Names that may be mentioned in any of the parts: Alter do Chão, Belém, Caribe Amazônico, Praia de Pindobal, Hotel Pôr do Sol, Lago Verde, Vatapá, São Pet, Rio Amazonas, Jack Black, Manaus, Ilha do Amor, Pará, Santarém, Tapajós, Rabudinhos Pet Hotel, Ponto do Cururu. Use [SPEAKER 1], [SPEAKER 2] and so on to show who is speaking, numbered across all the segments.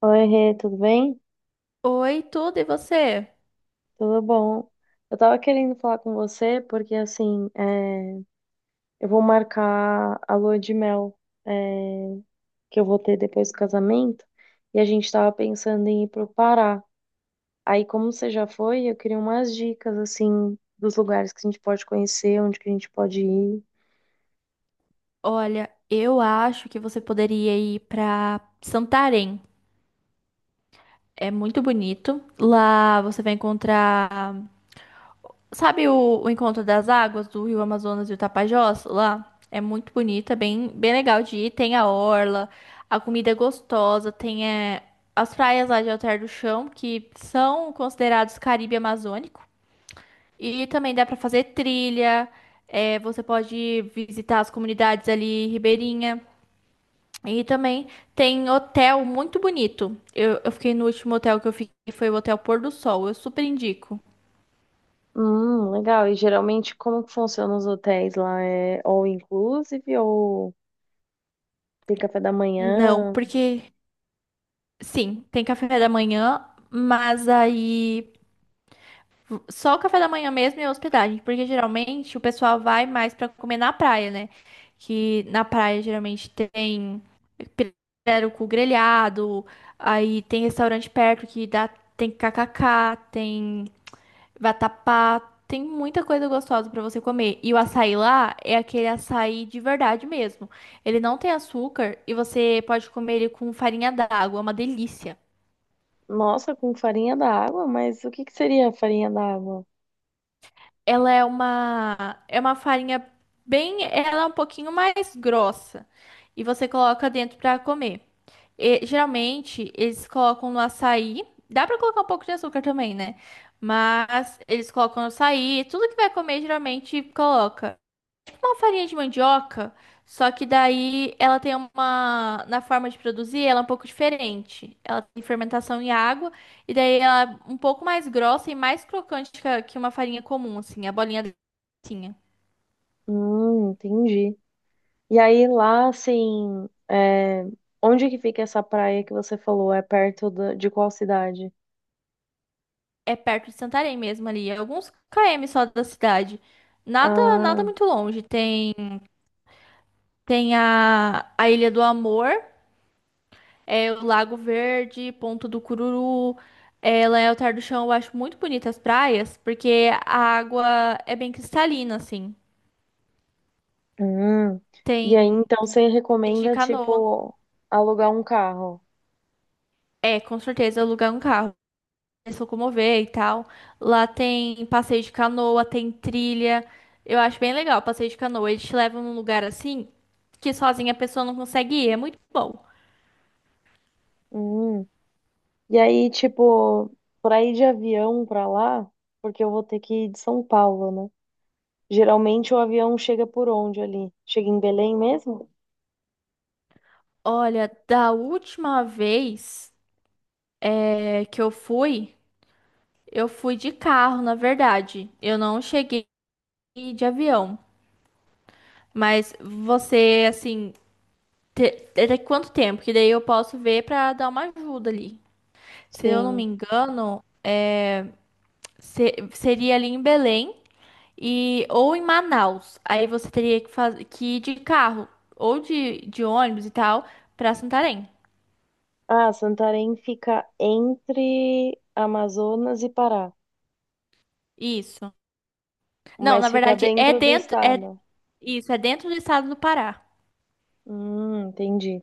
[SPEAKER 1] Oi, Rê, tudo bem?
[SPEAKER 2] Oi, tudo e você?
[SPEAKER 1] Tudo bom? Eu tava querendo falar com você porque, assim, é, eu vou marcar a lua de mel, é, que eu vou ter depois do casamento e a gente tava pensando em ir pro Pará. Aí, como você já foi, eu queria umas dicas, assim, dos lugares que a gente pode conhecer, onde que a gente pode ir.
[SPEAKER 2] Olha, eu acho que você poderia ir pra Santarém. É muito bonito. Lá você vai encontrar, sabe o encontro das águas do Rio Amazonas e o Tapajós? Lá é muito bonito, é bem, bem legal de ir. Tem a orla, a comida é gostosa, tem as praias lá de Alter do Chão, que são considerados Caribe Amazônico. E também dá pra fazer trilha, você pode visitar as comunidades ali ribeirinha. E também tem hotel muito bonito. Eu fiquei no último hotel que eu fiquei, foi o Hotel Pôr do Sol. Eu super indico.
[SPEAKER 1] Legal. E geralmente, como que funcionam os hotéis lá? É all inclusive ou tem café da
[SPEAKER 2] Não,
[SPEAKER 1] manhã?
[SPEAKER 2] porque sim, tem café da manhã, mas aí só o café da manhã mesmo e a hospedagem, porque geralmente o pessoal vai mais pra comer na praia, né? Que na praia geralmente tem pirarucu grelhado, aí tem restaurante perto que dá, tem kkk, tem Vatapá, tem muita coisa gostosa pra você comer. E o açaí lá é aquele açaí de verdade mesmo. Ele não tem açúcar e você pode comer ele com farinha d'água, é uma delícia.
[SPEAKER 1] Nossa, com farinha da água? Mas o que que seria a farinha da água?
[SPEAKER 2] Ela é uma farinha bem, ela é um pouquinho mais grossa e você coloca dentro pra comer. E, geralmente eles colocam no açaí, dá pra colocar um pouco de açúcar também, né? Mas eles colocam no açaí, tudo que vai comer geralmente coloca. Uma farinha de mandioca, só que daí ela tem uma. Na forma de produzir, ela é um pouco diferente. Ela tem fermentação em água, e daí ela é um pouco mais grossa e mais crocante que que uma farinha comum, assim, a bolinha delicinha.
[SPEAKER 1] Entendi. E aí lá, assim, é, onde que fica essa praia que você falou? É perto da- de qual cidade?
[SPEAKER 2] É perto de Santarém mesmo ali, é alguns km só da cidade. Nada, nada
[SPEAKER 1] Ah,
[SPEAKER 2] muito longe. Tem a Ilha do Amor, é o Lago Verde, Ponto do Cururu, Leotar do Chão. Eu acho muito bonitas as praias, porque a água é bem cristalina, assim.
[SPEAKER 1] hum. E aí,
[SPEAKER 2] Tem
[SPEAKER 1] então, você
[SPEAKER 2] de
[SPEAKER 1] recomenda,
[SPEAKER 2] canoa.
[SPEAKER 1] tipo, alugar um carro?
[SPEAKER 2] É, com certeza, alugar um carro, se locomover e tal. Lá tem passeio de canoa, tem trilha. Eu acho bem legal o passeio de canoa. Eles te levam num lugar assim que sozinha a pessoa não consegue ir. É muito bom.
[SPEAKER 1] Hum. E aí, tipo, pra ir de avião pra lá, porque eu vou ter que ir de São Paulo, né? Geralmente o avião chega por onde ali? Chega em Belém mesmo?
[SPEAKER 2] Olha, da última vez que eu fui. Eu fui de carro, na verdade. Eu não cheguei de avião. Mas você, assim, até quanto tempo? Que daí eu posso ver pra dar uma ajuda ali. Se eu não me
[SPEAKER 1] Sim.
[SPEAKER 2] engano, seria ali em Belém e ou em Manaus. Aí você teria que, que ir de carro ou de ônibus e tal pra Santarém.
[SPEAKER 1] Ah, Santarém fica entre Amazonas e Pará,
[SPEAKER 2] Isso. Não, na
[SPEAKER 1] mas fica
[SPEAKER 2] verdade é
[SPEAKER 1] dentro do
[SPEAKER 2] dentro, é
[SPEAKER 1] estado.
[SPEAKER 2] isso, é dentro do estado do Pará.
[SPEAKER 1] Entendi.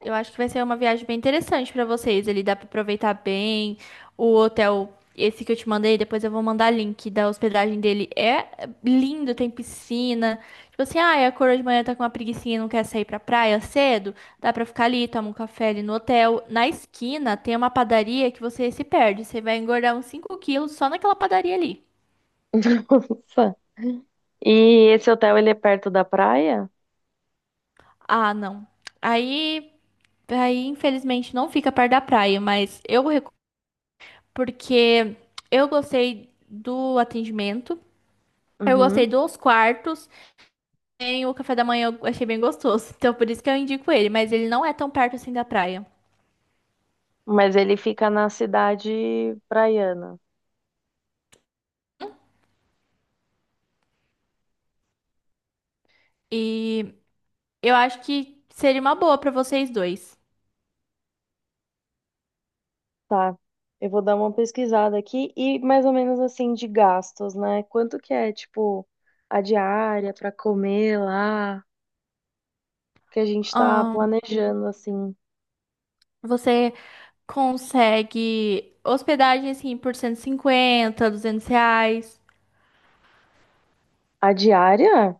[SPEAKER 2] Eu acho que vai ser uma viagem bem interessante pra vocês. Ele dá pra aproveitar bem o hotel. Esse que eu te mandei, depois eu vou mandar link da hospedagem dele. É lindo, tem piscina. Tipo assim, ah, a coroa de manhã tá com uma preguicinha e não quer sair pra praia cedo. Dá pra ficar ali, toma um café ali no hotel. Na esquina tem uma padaria que você se perde. Você vai engordar uns 5 quilos só naquela padaria ali.
[SPEAKER 1] Nossa. E esse hotel, ele é perto da praia?
[SPEAKER 2] Ah, não. Aí, aí infelizmente, não fica perto da praia, mas eu porque eu gostei do atendimento, eu
[SPEAKER 1] Uhum.
[SPEAKER 2] gostei dos quartos, e o café da manhã eu achei bem gostoso. Então por isso que eu indico ele, mas ele não é tão perto assim da praia.
[SPEAKER 1] Mas ele fica na cidade praiana.
[SPEAKER 2] E eu acho que seria uma boa pra vocês dois.
[SPEAKER 1] Tá. Eu vou dar uma pesquisada aqui e mais ou menos assim de gastos, né? Quanto que é, tipo, a diária pra comer lá? Que a gente tá
[SPEAKER 2] Ah,
[SPEAKER 1] planejando assim.
[SPEAKER 2] você consegue hospedagem assim por 150, R$ 200.
[SPEAKER 1] A diária?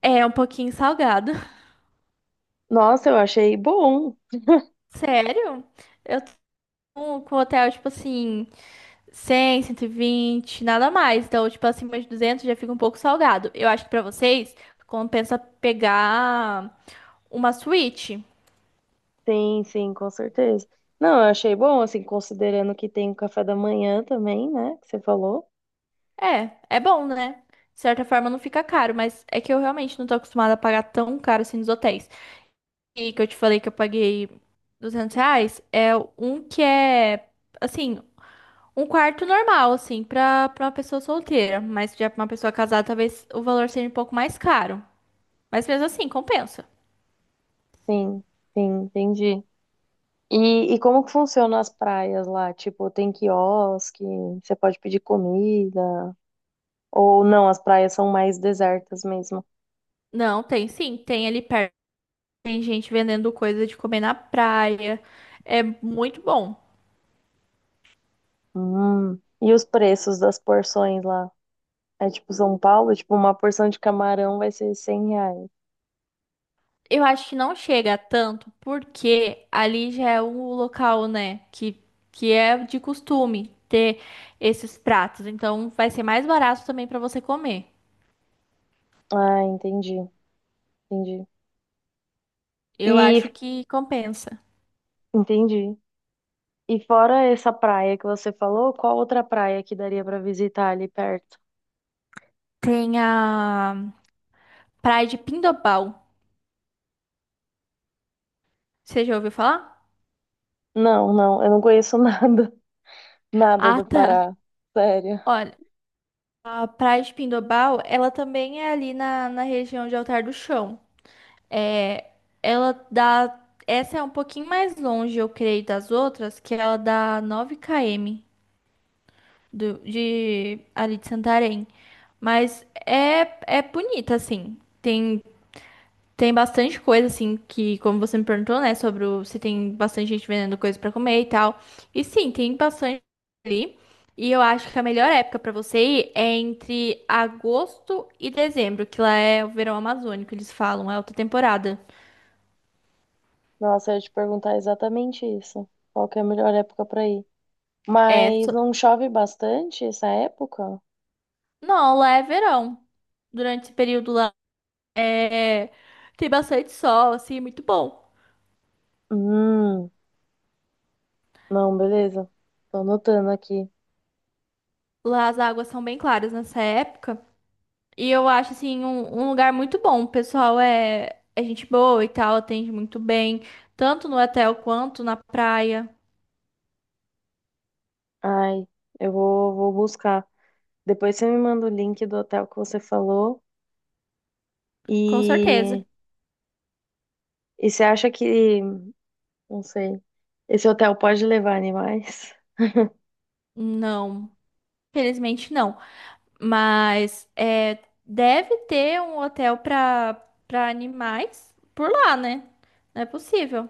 [SPEAKER 2] É um pouquinho salgado.
[SPEAKER 1] Nossa, eu achei bom.
[SPEAKER 2] Sério? Eu tô com o hotel, tipo assim, 100, 120, nada mais. Então, tipo, acima de 200 já fica um pouco salgado. Eu acho que pra vocês compensa pegar uma Switch.
[SPEAKER 1] Sim, sim, com certeza. Não, eu achei bom, assim, considerando que tem o café da manhã também, né? Que você falou.
[SPEAKER 2] É, é bom, né? De certa forma não fica caro, mas é que eu realmente não tô acostumada a pagar tão caro assim nos hotéis. E que eu te falei que eu paguei R$ 200, é um que é, assim, um quarto normal, assim, pra uma pessoa solteira. Mas já pra uma pessoa casada, talvez o valor seja um pouco mais caro. Mas mesmo assim, compensa.
[SPEAKER 1] Sim, sim, entendi. E como que funciona as praias lá? Tipo, tem quiosque, você pode pedir comida, ou não, as praias são mais desertas mesmo.
[SPEAKER 2] Não, tem sim, tem ali perto, tem gente vendendo coisa de comer na praia. É muito bom.
[SPEAKER 1] Hum. E os preços das porções lá? É tipo São Paulo, tipo, uma porção de camarão vai ser R$ 100.
[SPEAKER 2] Eu acho que não chega a tanto porque ali já é um local, né, que é de costume ter esses pratos. Então vai ser mais barato também para você comer.
[SPEAKER 1] Ah, entendi, entendi.
[SPEAKER 2] Eu
[SPEAKER 1] E
[SPEAKER 2] acho que compensa.
[SPEAKER 1] entendi. E fora essa praia que você falou, qual outra praia que daria pra visitar ali perto?
[SPEAKER 2] Tem a Praia de Pindobal. Você já ouviu falar?
[SPEAKER 1] Não, não, eu não conheço nada, nada
[SPEAKER 2] Ah,
[SPEAKER 1] do
[SPEAKER 2] tá.
[SPEAKER 1] Pará, sério.
[SPEAKER 2] Olha, a Praia de Pindobal, ela também é ali na região de Altar do Chão. É, ela dá. Essa é um pouquinho mais longe, eu creio, das outras, que ela dá 9 km do, de, ali de Santarém. Mas é, é bonita, assim. Tem bastante coisa, assim, que, como você me perguntou, né, sobre se tem bastante gente vendendo coisa pra comer e tal. E sim, tem bastante ali. E eu acho que a melhor época pra você ir é entre agosto e dezembro, que lá é o verão amazônico, eles falam, é alta temporada.
[SPEAKER 1] Nossa, eu ia te perguntar exatamente isso. Qual que é a melhor época pra ir?
[SPEAKER 2] É.
[SPEAKER 1] Mas não chove bastante essa época?
[SPEAKER 2] Não, lá é verão. Durante esse período lá é... tem bastante sol, assim, é muito bom.
[SPEAKER 1] Hum, não, beleza. Tô anotando aqui.
[SPEAKER 2] Lá as águas são bem claras nessa época. E eu acho, assim, um lugar muito bom. O pessoal é gente boa e tal, atende muito bem, tanto no hotel quanto na praia.
[SPEAKER 1] Ai, eu vou, vou buscar. Depois você me manda o link do hotel que você falou.
[SPEAKER 2] Com certeza.
[SPEAKER 1] E, e você acha que... Não sei. Esse hotel pode levar animais?
[SPEAKER 2] Não, felizmente não. Mas deve ter um hotel para animais por lá, né? Não é possível.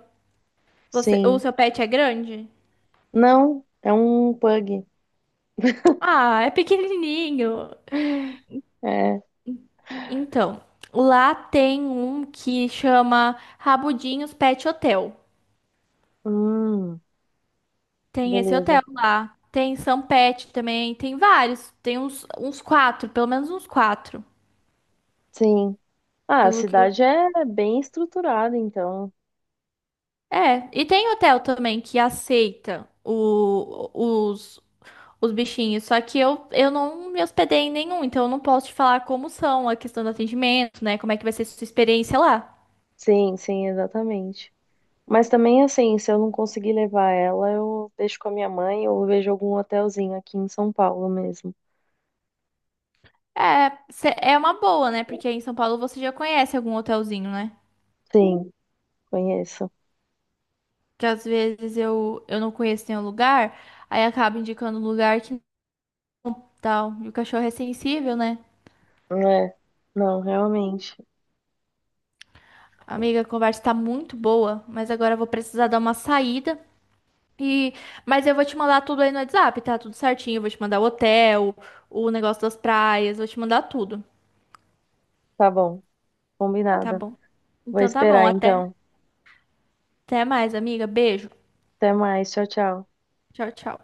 [SPEAKER 2] O
[SPEAKER 1] Sim.
[SPEAKER 2] seu pet é grande?
[SPEAKER 1] Não, é um pug.
[SPEAKER 2] Ah, é pequenininho.
[SPEAKER 1] É.
[SPEAKER 2] Então, lá tem um que chama Rabudinhos Pet Hotel.
[SPEAKER 1] Hum,
[SPEAKER 2] Tem esse hotel
[SPEAKER 1] beleza.
[SPEAKER 2] lá. Tem São Pet também. Tem vários. Tem uns quatro, pelo menos uns quatro.
[SPEAKER 1] Sim. Ah, a cidade é bem estruturada, então.
[SPEAKER 2] É, e tem hotel também que aceita os bichinhos. Só que eu não me hospedei em nenhum, então eu não posso te falar como são a questão do atendimento, né? Como é que vai ser sua experiência lá.
[SPEAKER 1] Sim, sim, exatamente. Mas também, assim, se eu não conseguir levar ela, eu deixo com a minha mãe ou vejo algum hotelzinho aqui em São Paulo mesmo.
[SPEAKER 2] É, é uma boa, né? Porque aí em São Paulo você já conhece algum hotelzinho, né?
[SPEAKER 1] Sim, conheço.
[SPEAKER 2] Que às vezes eu não conheço nenhum lugar, aí acaba indicando um lugar que não tal. E o cachorro é sensível, né?
[SPEAKER 1] É. Não, realmente.
[SPEAKER 2] Amiga, a conversa tá muito boa, mas agora eu vou precisar dar uma saída. E, mas eu vou te mandar tudo aí no WhatsApp, tá? Tudo certinho. Eu vou te mandar o hotel, o negócio das praias, vou te mandar tudo.
[SPEAKER 1] Tá bom.
[SPEAKER 2] Tá
[SPEAKER 1] Combinada.
[SPEAKER 2] bom.
[SPEAKER 1] Vou
[SPEAKER 2] Então tá bom,
[SPEAKER 1] esperar,
[SPEAKER 2] até,
[SPEAKER 1] então.
[SPEAKER 2] até mais, amiga. Beijo.
[SPEAKER 1] Até mais. Tchau, tchau.
[SPEAKER 2] Tchau, tchau.